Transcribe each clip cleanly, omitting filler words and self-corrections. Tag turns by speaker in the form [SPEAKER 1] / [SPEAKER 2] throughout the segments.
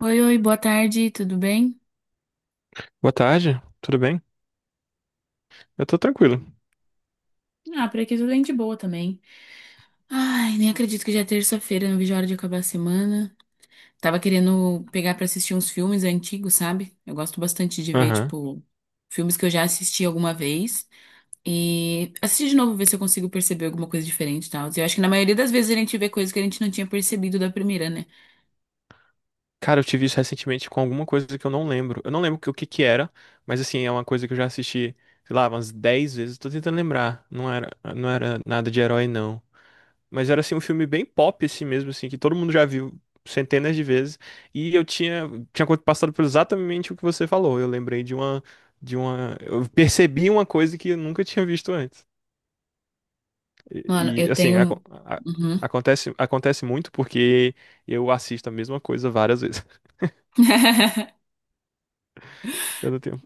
[SPEAKER 1] Oi, oi, boa tarde, tudo bem?
[SPEAKER 2] Boa tarde, tudo bem? Eu tô tranquilo.
[SPEAKER 1] Ah, por aqui tudo bem de boa também. Ai, nem acredito que já é terça-feira, não vejo a hora de acabar a semana. Tava querendo pegar pra assistir uns filmes antigos, sabe? Eu gosto bastante de ver,
[SPEAKER 2] Aham.
[SPEAKER 1] tipo, filmes que eu já assisti alguma vez e assistir de novo, ver se eu consigo perceber alguma coisa diferente e tal. Eu acho que na maioria das vezes a gente vê coisas que a gente não tinha percebido da primeira, né?
[SPEAKER 2] Cara, eu tive isso recentemente com alguma coisa que eu não lembro. Eu não lembro o que que era, mas assim, é uma coisa que eu já assisti, sei lá, umas 10 vezes. Tô tentando lembrar. Não era nada de herói, não. Mas era assim, um filme bem pop, assim mesmo, assim, que todo mundo já viu centenas de vezes. E eu tinha passado por exatamente o que você falou. Eu lembrei de uma, eu percebi uma coisa que eu nunca tinha visto antes.
[SPEAKER 1] Mano, eu
[SPEAKER 2] Assim,
[SPEAKER 1] tenho. Uhum.
[SPEAKER 2] acontece, acontece muito porque eu assisto a mesma coisa várias vezes. Eu não tenho.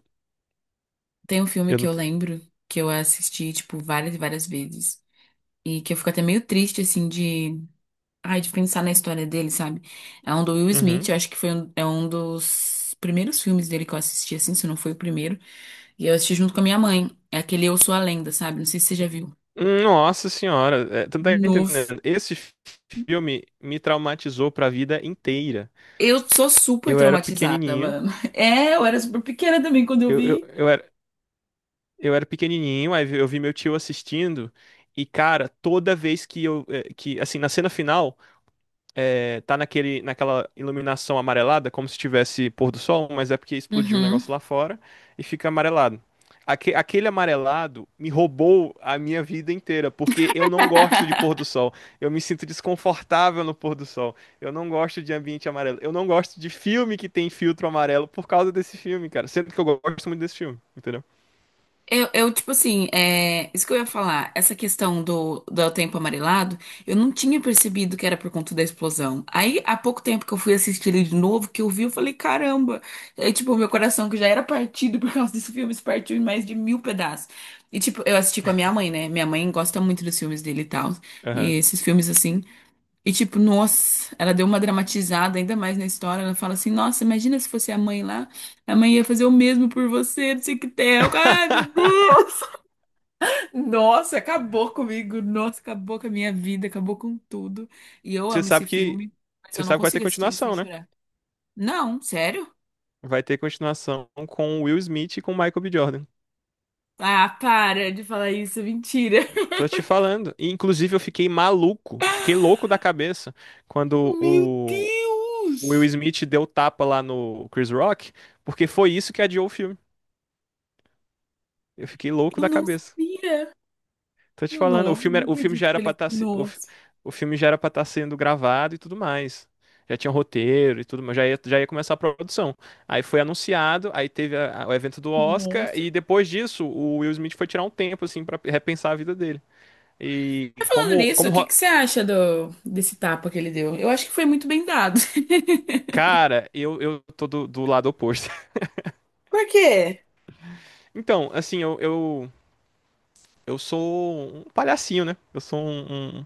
[SPEAKER 1] Tem um filme
[SPEAKER 2] Eu
[SPEAKER 1] que
[SPEAKER 2] não
[SPEAKER 1] eu
[SPEAKER 2] tenho.
[SPEAKER 1] lembro que eu assisti, tipo, várias e várias vezes. E que eu fico até meio triste, assim, de. Ai, de pensar na história dele, sabe? É um do Will Smith,
[SPEAKER 2] Uhum.
[SPEAKER 1] eu acho que foi um, é um dos primeiros filmes dele que eu assisti, assim, se não foi o primeiro. E eu assisti junto com a minha mãe. É aquele Eu Sou a Lenda, sabe? Não sei se você já viu.
[SPEAKER 2] Nossa senhora, é, tu não tá
[SPEAKER 1] Nossa.
[SPEAKER 2] entendendo? Esse filme me traumatizou pra vida inteira.
[SPEAKER 1] Eu sou super
[SPEAKER 2] Eu era
[SPEAKER 1] traumatizada,
[SPEAKER 2] pequenininho,
[SPEAKER 1] mano. É, eu era super pequena também quando eu
[SPEAKER 2] eu, eu,
[SPEAKER 1] vi.
[SPEAKER 2] eu era, eu era pequenininho, aí eu vi meu tio assistindo, e cara, toda vez que assim, na cena final. É, tá naquela iluminação amarelada, como se tivesse pôr do sol, mas é porque explodiu o
[SPEAKER 1] Uhum.
[SPEAKER 2] negócio lá fora e fica amarelado. Aquele amarelado me roubou a minha vida inteira, porque eu não gosto de pôr do sol. Eu me sinto desconfortável no pôr do sol. Eu não gosto de ambiente amarelo. Eu não gosto de filme que tem filtro amarelo por causa desse filme, cara. Sendo que eu gosto muito desse filme, entendeu?
[SPEAKER 1] Tipo assim, é, isso que eu ia falar, essa questão do tempo amarelado, eu não tinha percebido que era por conta da explosão. Aí, há pouco tempo que eu fui assistir ele de novo, que eu vi, eu falei, caramba! Aí, tipo, meu coração que já era partido por causa desse filme, se partiu em mais de mil pedaços. E, tipo, eu assisti com a minha mãe, né? Minha mãe gosta muito dos filmes dele e tal.
[SPEAKER 2] Aham.
[SPEAKER 1] E esses filmes, assim. E tipo, nossa, ela deu uma dramatizada ainda mais na história. Ela fala assim: nossa, imagina se fosse a mãe lá. A mãe ia fazer o mesmo por você, não sei o que tem. Ai, meu Deus! Nossa, acabou comigo. Nossa, acabou com a minha vida, acabou com tudo. E eu
[SPEAKER 2] Você
[SPEAKER 1] amo esse
[SPEAKER 2] sabe que,
[SPEAKER 1] filme, mas
[SPEAKER 2] você
[SPEAKER 1] eu não
[SPEAKER 2] sabe que vai ter
[SPEAKER 1] consigo assistir ele sem
[SPEAKER 2] continuação, né?
[SPEAKER 1] chorar. Não, sério?
[SPEAKER 2] Vai ter continuação com o Will Smith e com o Michael B. Jordan.
[SPEAKER 1] Ah, para de falar isso, mentira.
[SPEAKER 2] Tô te falando. E, inclusive, eu fiquei maluco, fiquei louco da cabeça quando
[SPEAKER 1] Meu
[SPEAKER 2] o Will
[SPEAKER 1] Deus!
[SPEAKER 2] Smith deu tapa lá no Chris Rock, porque foi isso que adiou o filme. Eu fiquei louco
[SPEAKER 1] Eu
[SPEAKER 2] da
[SPEAKER 1] não
[SPEAKER 2] cabeça.
[SPEAKER 1] sabia.
[SPEAKER 2] Tô te falando,
[SPEAKER 1] Não, não
[SPEAKER 2] o filme já
[SPEAKER 1] acredito que
[SPEAKER 2] era pra
[SPEAKER 1] ele.
[SPEAKER 2] estar, o, fi-
[SPEAKER 1] Nossa,
[SPEAKER 2] o filme já era para estar sendo gravado e tudo mais. Já tinha roteiro e tudo, mas já ia começar a produção. Aí foi anunciado, aí teve o evento do Oscar,
[SPEAKER 1] nossa.
[SPEAKER 2] e depois disso, o Will Smith foi tirar um tempo, assim, pra repensar a vida dele. E
[SPEAKER 1] Mas falando nisso, o que que você acha desse tapa que ele deu? Eu acho que foi muito bem dado.
[SPEAKER 2] cara, eu tô do lado oposto.
[SPEAKER 1] Por quê?
[SPEAKER 2] Então, assim, eu sou um palhacinho, né? Eu sou um, um,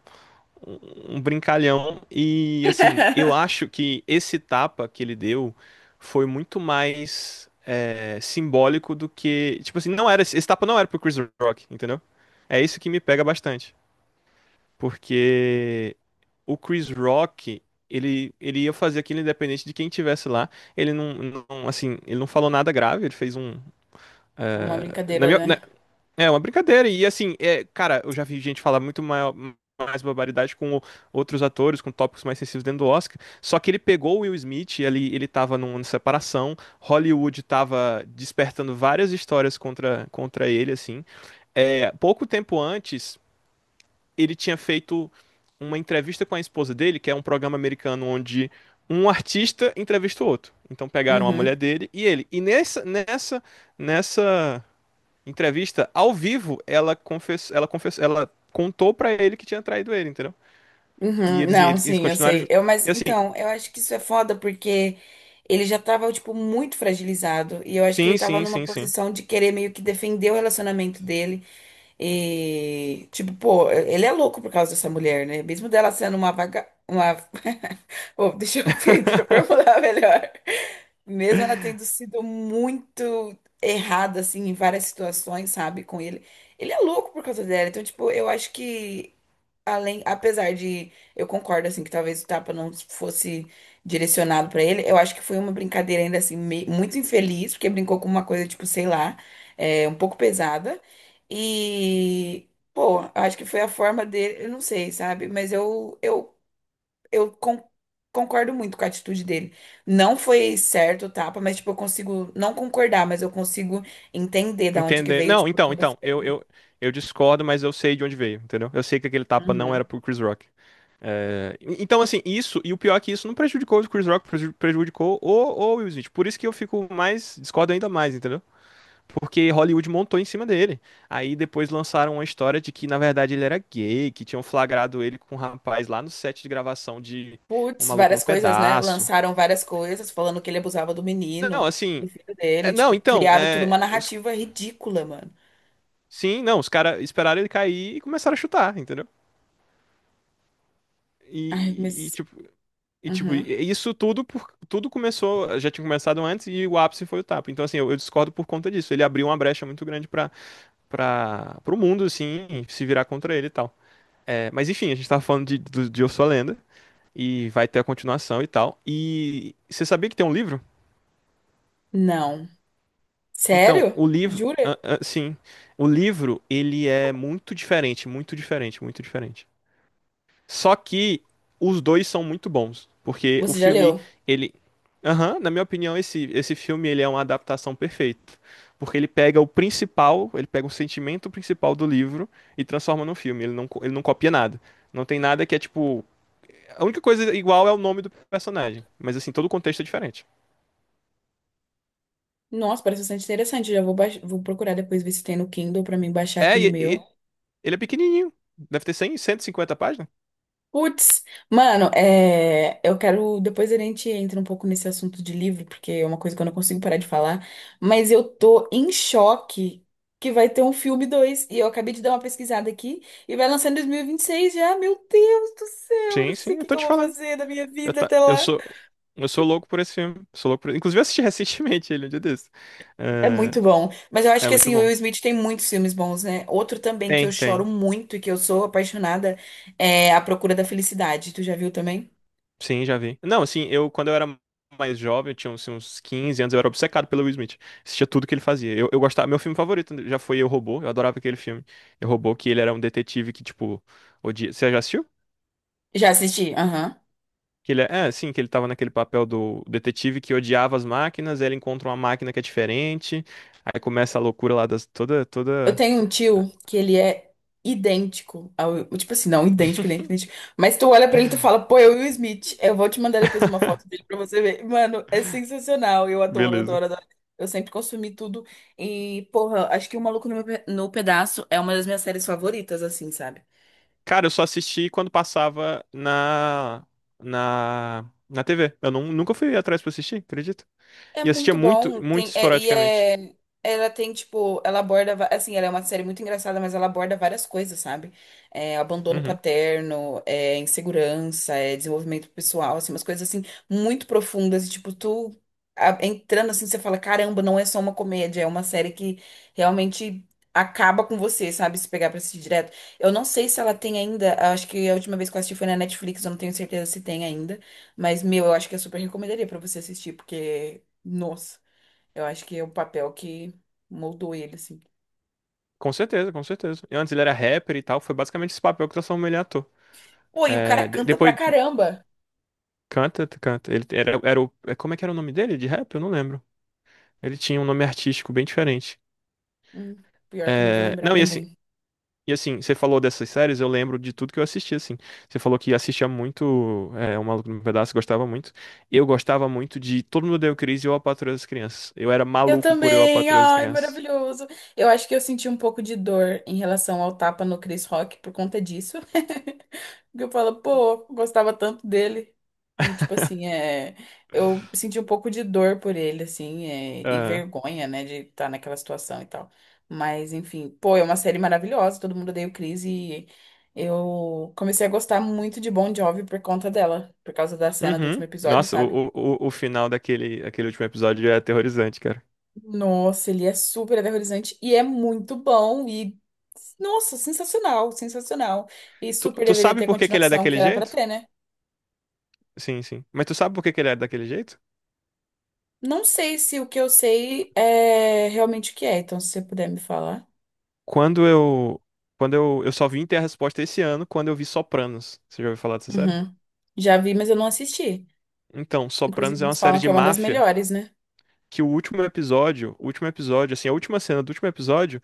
[SPEAKER 2] um um brincalhão. E, assim, eu acho que esse tapa que ele deu foi muito mais simbólico do que. Tipo assim, esse tapa não era pro Chris Rock, entendeu? É isso que me pega bastante. Porque o Chris Rock, ele ia fazer aquilo independente de quem tivesse lá. Ele assim, ele não falou nada grave, ele fez um,
[SPEAKER 1] é uma
[SPEAKER 2] na
[SPEAKER 1] brincadeira,
[SPEAKER 2] minha,
[SPEAKER 1] né?
[SPEAKER 2] é uma brincadeira. E assim, é, cara, eu já vi gente falar mais barbaridade com outros atores, com tópicos mais sensíveis dentro do Oscar. Só que ele pegou o Will Smith, ele tava numa separação, Hollywood tava despertando várias histórias contra ele, assim. É, pouco tempo antes, ele tinha feito uma entrevista com a esposa dele, que é um programa americano onde um artista entrevista o outro. Então pegaram a
[SPEAKER 1] Uhum,
[SPEAKER 2] mulher dele e ele. E nessa entrevista ao vivo, ela confessou, ela contou pra ele que tinha traído ele, entendeu? E
[SPEAKER 1] uhum. Não,
[SPEAKER 2] eles
[SPEAKER 1] sim, eu
[SPEAKER 2] continuaram
[SPEAKER 1] sei.
[SPEAKER 2] junto.
[SPEAKER 1] Mas
[SPEAKER 2] E assim,
[SPEAKER 1] então, eu acho que isso é foda porque ele já tava, tipo, muito fragilizado. E eu acho que ele
[SPEAKER 2] sim,
[SPEAKER 1] tava
[SPEAKER 2] sim,
[SPEAKER 1] numa
[SPEAKER 2] sim, sim.
[SPEAKER 1] posição de querer meio que defender o relacionamento dele. E, tipo, pô, ele é louco por causa dessa mulher, né? Mesmo dela sendo uma vaga, uma. Pô, deixa eu formular melhor. Mesmo ela tendo sido muito errada, assim, em várias situações, sabe, com ele. Ele é louco por causa dela. Então, tipo, eu acho que, além, apesar de. Eu concordo, assim, que talvez o tapa não fosse direcionado pra ele, eu acho que foi uma brincadeira ainda, assim, muito infeliz, porque brincou com uma coisa, tipo, sei lá, é, um pouco pesada. E. Pô, eu acho que foi a forma dele, eu não sei, sabe? Mas eu con- concordo muito com a atitude dele. Não foi certo o tapa, mas, tipo, eu consigo não concordar, mas eu consigo entender da onde que
[SPEAKER 2] Entender.
[SPEAKER 1] veio,
[SPEAKER 2] Não,
[SPEAKER 1] tipo, tudo isso
[SPEAKER 2] então,
[SPEAKER 1] daí, né?
[SPEAKER 2] eu discordo, mas eu sei de onde veio, entendeu? Eu sei que aquele tapa não era
[SPEAKER 1] Uhum.
[SPEAKER 2] pro Chris Rock. É, então, assim, isso, e o pior é que isso não prejudicou o Chris Rock, prejudicou o Will Smith. Por isso que eu fico mais, discordo ainda mais, entendeu? Porque Hollywood montou em cima dele. Aí depois lançaram uma história de que, na verdade, ele era gay, que tinham flagrado ele com um rapaz lá no set de gravação de Um
[SPEAKER 1] Putz,
[SPEAKER 2] Maluco no
[SPEAKER 1] várias coisas, né?
[SPEAKER 2] Pedaço.
[SPEAKER 1] Lançaram várias coisas falando que ele abusava do
[SPEAKER 2] Não,
[SPEAKER 1] menino, do
[SPEAKER 2] assim.
[SPEAKER 1] filho
[SPEAKER 2] É-
[SPEAKER 1] dele,
[SPEAKER 2] não,
[SPEAKER 1] tipo,
[SPEAKER 2] então,
[SPEAKER 1] criaram toda
[SPEAKER 2] é,
[SPEAKER 1] uma
[SPEAKER 2] os-
[SPEAKER 1] narrativa ridícula, mano.
[SPEAKER 2] sim, não, os caras esperaram ele cair e começaram a chutar, entendeu?
[SPEAKER 1] Ai,
[SPEAKER 2] E, e,
[SPEAKER 1] mas.
[SPEAKER 2] tipo,
[SPEAKER 1] Uhum.
[SPEAKER 2] tipo, isso tudo tudo começou, já tinha começado antes e o ápice foi o tapa. Então, assim, eu discordo por conta disso. Ele abriu uma brecha muito grande para o mundo, assim, se virar contra ele e tal. É, mas enfim, a gente tava falando de Eu Sou a Lenda e vai ter a continuação e tal. E você sabia que tem um livro?
[SPEAKER 1] Não.
[SPEAKER 2] Então,
[SPEAKER 1] Sério?
[SPEAKER 2] o livro,
[SPEAKER 1] Jura?
[SPEAKER 2] ah, ah, sim, o livro ele é muito diferente, muito diferente, muito diferente. Só que os dois são muito bons, porque
[SPEAKER 1] Você já leu?
[SPEAKER 2] ele, aham, na minha opinião esse filme ele é uma adaptação perfeita, porque ele pega o principal, ele pega o sentimento principal do livro e transforma no filme. Ele não copia nada. Não tem nada que é tipo. A única coisa igual é o nome do personagem, mas assim, todo o contexto é diferente.
[SPEAKER 1] Nossa, parece bastante interessante. Vou procurar depois ver se tem no Kindle pra mim baixar aqui
[SPEAKER 2] É,
[SPEAKER 1] no
[SPEAKER 2] e-
[SPEAKER 1] meu.
[SPEAKER 2] e- Ele é pequenininho. Deve ter 100, 150 páginas.
[SPEAKER 1] Putz, mano, é, eu quero. Depois a gente entra um pouco nesse assunto de livro, porque é uma coisa que eu não consigo parar de falar. Mas eu tô em choque que vai ter um filme dois, e eu acabei de dar uma pesquisada aqui e vai lançar em 2026 já. Meu Deus do céu, eu
[SPEAKER 2] Sim,
[SPEAKER 1] não sei
[SPEAKER 2] sim,
[SPEAKER 1] o
[SPEAKER 2] eu
[SPEAKER 1] que que
[SPEAKER 2] tô
[SPEAKER 1] eu
[SPEAKER 2] te
[SPEAKER 1] vou
[SPEAKER 2] falando.
[SPEAKER 1] fazer da minha
[SPEAKER 2] Eu,
[SPEAKER 1] vida
[SPEAKER 2] tá,
[SPEAKER 1] até
[SPEAKER 2] eu
[SPEAKER 1] lá.
[SPEAKER 2] sou eu sou louco por esse filme. Sou louco por... Inclusive, eu assisti recentemente ele um dia desse.
[SPEAKER 1] É
[SPEAKER 2] Eh,
[SPEAKER 1] muito bom. Mas eu acho
[SPEAKER 2] É,
[SPEAKER 1] que
[SPEAKER 2] muito
[SPEAKER 1] assim, o
[SPEAKER 2] bom.
[SPEAKER 1] Will Smith tem muitos filmes bons, né? Outro também que eu
[SPEAKER 2] Tem,
[SPEAKER 1] choro
[SPEAKER 2] tem.
[SPEAKER 1] muito e que eu sou apaixonada é A Procura da Felicidade. Tu já viu também?
[SPEAKER 2] Sim, já vi. Não, assim, eu quando eu era mais jovem, eu tinha assim, uns 15 anos, eu era obcecado pelo Will Smith. Assistia tudo que ele fazia. Eu gostava, meu filme favorito né, já foi Eu, Robô. Eu adorava aquele filme. Eu, Robô, que ele era um detetive que, tipo, odia. Você já assistiu?
[SPEAKER 1] Já assisti? Aham.
[SPEAKER 2] Que ele sim, que ele tava naquele papel do detetive que odiava as máquinas, aí ele encontra uma máquina que é diferente, aí começa a loucura lá das
[SPEAKER 1] Eu
[SPEAKER 2] toda.
[SPEAKER 1] tenho um tio que ele é idêntico ao. Tipo assim, não, idêntico, idêntico, idêntico. Mas tu olha pra ele e tu fala, pô, eu o Will Smith. Eu vou te mandar depois uma foto dele pra você ver. Mano, é sensacional. Eu adoro,
[SPEAKER 2] Beleza.
[SPEAKER 1] adoro, adoro. Eu sempre consumi tudo. E, porra, acho que O Maluco no, no Pedaço é uma das minhas séries favoritas, assim, sabe?
[SPEAKER 2] Cara, eu só assisti quando passava na na TV. Eu não, nunca fui atrás pra assistir, acredito.
[SPEAKER 1] É
[SPEAKER 2] E assistia
[SPEAKER 1] muito
[SPEAKER 2] muito,
[SPEAKER 1] bom.
[SPEAKER 2] muito
[SPEAKER 1] Tem, e
[SPEAKER 2] esporadicamente.
[SPEAKER 1] é. Ela tem, tipo, ela aborda. Assim, ela é uma série muito engraçada, mas ela aborda várias coisas, sabe? É, abandono
[SPEAKER 2] Uhum.
[SPEAKER 1] paterno, é insegurança, é desenvolvimento pessoal, assim, umas coisas assim, muito profundas. E, tipo, tu entrando assim, você fala, caramba, não é só uma comédia, é uma série que realmente acaba com você, sabe? Se pegar pra assistir direto. Eu não sei se ela tem ainda, acho que a última vez que eu assisti foi na Netflix, eu não tenho certeza se tem ainda. Mas, meu, eu acho que eu super recomendaria pra você assistir, porque nossa, eu acho que é o papel que moldou ele, assim.
[SPEAKER 2] Com certeza, com certeza. E antes ele era rapper e tal, foi basicamente esse papel que transformou ele em ator.
[SPEAKER 1] Pô, e o cara
[SPEAKER 2] É,
[SPEAKER 1] canta pra
[SPEAKER 2] depois
[SPEAKER 1] caramba.
[SPEAKER 2] canta, canta. Ele era, era o, é, como é que era o nome dele de rap? Eu não lembro. Ele tinha um nome artístico bem diferente.
[SPEAKER 1] Hum, Pior que eu não vou
[SPEAKER 2] É,
[SPEAKER 1] lembrar
[SPEAKER 2] Não,
[SPEAKER 1] também.
[SPEAKER 2] e assim, você falou dessas séries, eu lembro de tudo que eu assisti, assim. Você falou que assistia muito, é, O Maluco no Pedaço, gostava muito. Eu gostava muito de Todo Mundo Odeia o Chris e Eu, a Patroa das Crianças. Eu era
[SPEAKER 1] Eu
[SPEAKER 2] maluco por Eu, a
[SPEAKER 1] também,
[SPEAKER 2] Patroa das
[SPEAKER 1] ai,
[SPEAKER 2] Crianças.
[SPEAKER 1] maravilhoso. Eu acho que eu senti um pouco de dor em relação ao tapa no Chris Rock por conta disso. Porque eu falo, pô, eu gostava tanto dele. E, tipo assim, é, eu senti um pouco de dor por ele, assim, é, e
[SPEAKER 2] É.
[SPEAKER 1] vergonha, né, de estar naquela situação e tal. Mas, enfim, pô, é uma série maravilhosa, todo mundo odeia o Chris e eu comecei a gostar muito de Bon Jovi por conta dela, por causa da cena do
[SPEAKER 2] Uhum.
[SPEAKER 1] último episódio,
[SPEAKER 2] Nossa,
[SPEAKER 1] sabe?
[SPEAKER 2] o o final daquele aquele último episódio é aterrorizante, cara.
[SPEAKER 1] Nossa, ele é super aterrorizante e é muito bom e, nossa, sensacional, sensacional. E
[SPEAKER 2] Tu,
[SPEAKER 1] super
[SPEAKER 2] tu
[SPEAKER 1] deveria
[SPEAKER 2] sabe
[SPEAKER 1] ter
[SPEAKER 2] por que que ele é
[SPEAKER 1] continuação, que
[SPEAKER 2] daquele
[SPEAKER 1] era pra
[SPEAKER 2] jeito?
[SPEAKER 1] ter, né?
[SPEAKER 2] Sim, sim. Mas tu sabe por que que ele é daquele jeito?
[SPEAKER 1] Não sei se o que eu sei é realmente o que é, então se você puder me falar.
[SPEAKER 2] Quando eu. Quando eu. Eu só vim ter a resposta esse ano quando eu vi Sopranos. Você já ouviu falar dessa série?
[SPEAKER 1] Uhum. Já vi, mas eu não assisti.
[SPEAKER 2] Então, Sopranos
[SPEAKER 1] Inclusive,
[SPEAKER 2] é uma
[SPEAKER 1] eles
[SPEAKER 2] série
[SPEAKER 1] falam
[SPEAKER 2] de
[SPEAKER 1] que é uma das
[SPEAKER 2] máfia
[SPEAKER 1] melhores, né?
[SPEAKER 2] que o último episódio, assim, a última cena do último episódio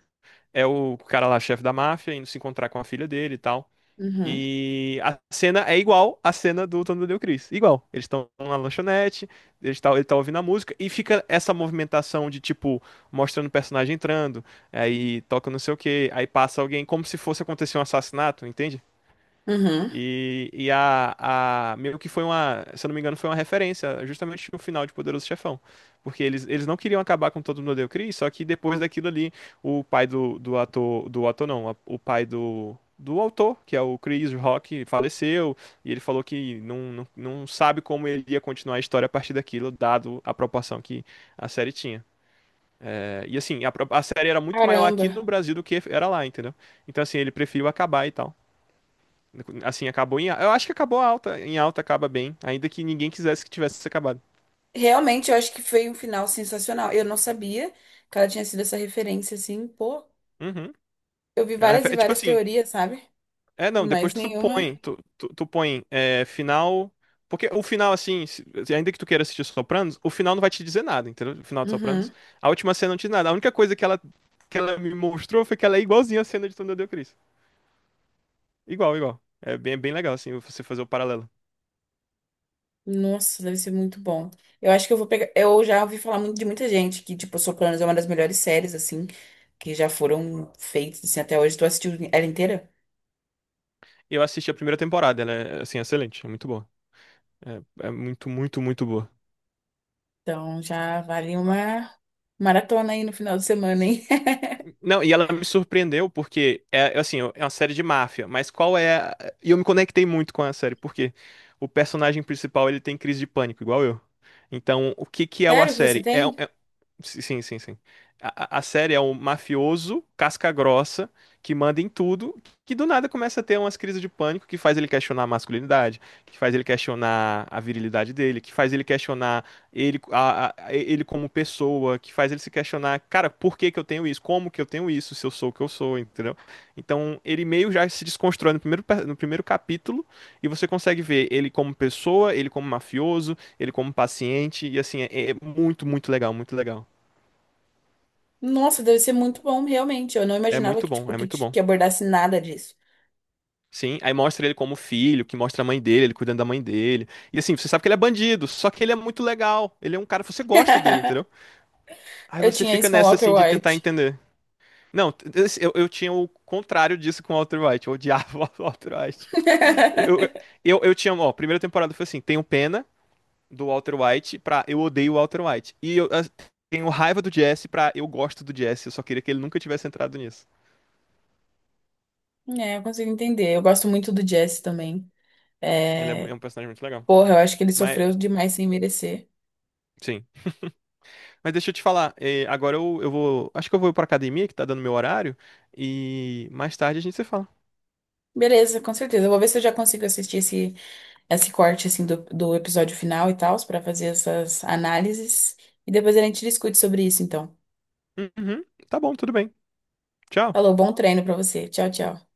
[SPEAKER 2] é o cara lá, chefe da máfia, indo se encontrar com a filha dele e tal.
[SPEAKER 1] Uhum.
[SPEAKER 2] E a cena é igual à cena do Tony Del Chris. Igual. Eles estão na lanchonete, ele tá ouvindo a música, e fica essa movimentação de, tipo, mostrando o personagem entrando, aí toca não sei o quê, aí passa alguém como se fosse acontecer um assassinato, entende?
[SPEAKER 1] Uhum.
[SPEAKER 2] E, e a, Meio que foi uma, se eu não me engano, foi uma referência justamente no final de Poderoso Chefão. Porque eles não queriam acabar com todo mundo odeia o Chris, só que depois daquilo ali, o pai do ator não, o pai do autor, que é o Chris Rock, faleceu, e ele falou que não sabe como ele ia continuar a história a partir daquilo, dado a proporção que a série tinha. É, e assim, a série era muito maior
[SPEAKER 1] Caramba.
[SPEAKER 2] aqui no Brasil do que era lá, entendeu? Então assim, ele preferiu acabar e tal. Assim, eu acho que acabou alta. Em alta acaba bem. Ainda que ninguém quisesse que tivesse acabado.
[SPEAKER 1] Realmente, eu acho que foi um final sensacional. Eu não sabia que ela tinha sido essa referência, assim, pô.
[SPEAKER 2] Uhum.
[SPEAKER 1] Eu vi várias e
[SPEAKER 2] É tipo
[SPEAKER 1] várias
[SPEAKER 2] assim.
[SPEAKER 1] teorias, sabe?
[SPEAKER 2] É, não, depois
[SPEAKER 1] Mas
[SPEAKER 2] tu
[SPEAKER 1] nenhuma.
[SPEAKER 2] põe. Tu põe é, final. Porque o final, assim, ainda que tu queira assistir Sopranos, o final não vai te dizer nada, entendeu? O final de Sopranos.
[SPEAKER 1] Uhum.
[SPEAKER 2] A última cena não te diz nada. A única coisa que ela me mostrou foi que ela é igualzinha à cena de Tom Deu Cristo. Igual, igual. É bem, bem legal, assim, você fazer o paralelo.
[SPEAKER 1] Nossa, deve ser muito bom. Eu acho que eu vou pegar. Eu já ouvi falar muito de muita gente que, tipo, Sopranos é uma das melhores séries, assim, que já foram feitas, assim, até hoje. Tu assistiu ela inteira?
[SPEAKER 2] Eu assisti a primeira temporada, ela é, assim, excelente. É muito boa. É, é muito, muito, muito boa.
[SPEAKER 1] Então já vale uma maratona aí no final de semana, hein?
[SPEAKER 2] Não, e ela me surpreendeu porque é assim, é uma série de máfia, mas e eu me conectei muito com a série, porque o personagem principal ele tem crise de pânico, igual eu. Então, o que que é o- a
[SPEAKER 1] Sério que você
[SPEAKER 2] série? É,
[SPEAKER 1] tem?
[SPEAKER 2] sim, sim, sim. A a série é um mafioso casca-grossa que manda em tudo, que do nada começa a ter umas crises de pânico que faz ele questionar a masculinidade, que faz ele questionar a virilidade dele, que faz ele questionar ele, ele como pessoa, que faz ele se questionar, cara, por que que eu tenho isso? Como que eu tenho isso? Se eu sou o que eu sou, entendeu? Então ele meio já se desconstrói no no primeiro capítulo e você consegue ver ele como pessoa, ele como mafioso, ele como paciente, e assim, é, é muito, muito legal, muito legal.
[SPEAKER 1] Nossa, deve ser muito bom, realmente. Eu não
[SPEAKER 2] É
[SPEAKER 1] imaginava
[SPEAKER 2] muito
[SPEAKER 1] que,
[SPEAKER 2] bom,
[SPEAKER 1] tipo,
[SPEAKER 2] é
[SPEAKER 1] que,
[SPEAKER 2] muito bom.
[SPEAKER 1] que abordasse nada disso.
[SPEAKER 2] Sim, aí mostra ele como filho, que mostra a mãe dele, ele cuidando da mãe dele. E assim, você sabe que ele é bandido, só que ele é muito legal. Ele é um cara que você gosta dele, entendeu? Aí
[SPEAKER 1] Eu
[SPEAKER 2] você
[SPEAKER 1] tinha
[SPEAKER 2] fica
[SPEAKER 1] isso com o
[SPEAKER 2] nessa
[SPEAKER 1] Walter
[SPEAKER 2] assim de tentar
[SPEAKER 1] White.
[SPEAKER 2] entender. Não, esse- eu tinha o contrário disso com o Walter White. Eu odiava o Walter White. Eu, eu tinha, ó, a primeira temporada foi assim: tenho pena do Walter White pra eu odeio o Walter White. E eu ah, tenho raiva do Jesse pra eu gosto do Jesse. Eu só queria que ele nunca tivesse entrado nisso.
[SPEAKER 1] É, eu consigo entender. Eu gosto muito do Jesse também.
[SPEAKER 2] Ele é
[SPEAKER 1] É...
[SPEAKER 2] um personagem muito legal.
[SPEAKER 1] Porra, eu acho que ele
[SPEAKER 2] Mas,
[SPEAKER 1] sofreu demais sem merecer.
[SPEAKER 2] sim. Mas deixa eu te falar, agora eu vou. Acho que eu vou pra academia, que tá dando meu horário, e mais tarde a gente se fala.
[SPEAKER 1] Beleza, com certeza. Eu vou ver se eu já consigo assistir esse corte assim do episódio final e tal, pra fazer essas análises. E depois a gente discute sobre isso, então.
[SPEAKER 2] Uhum, tá bom, tudo bem. Tchau.
[SPEAKER 1] Falou, bom treino pra você. Tchau, tchau.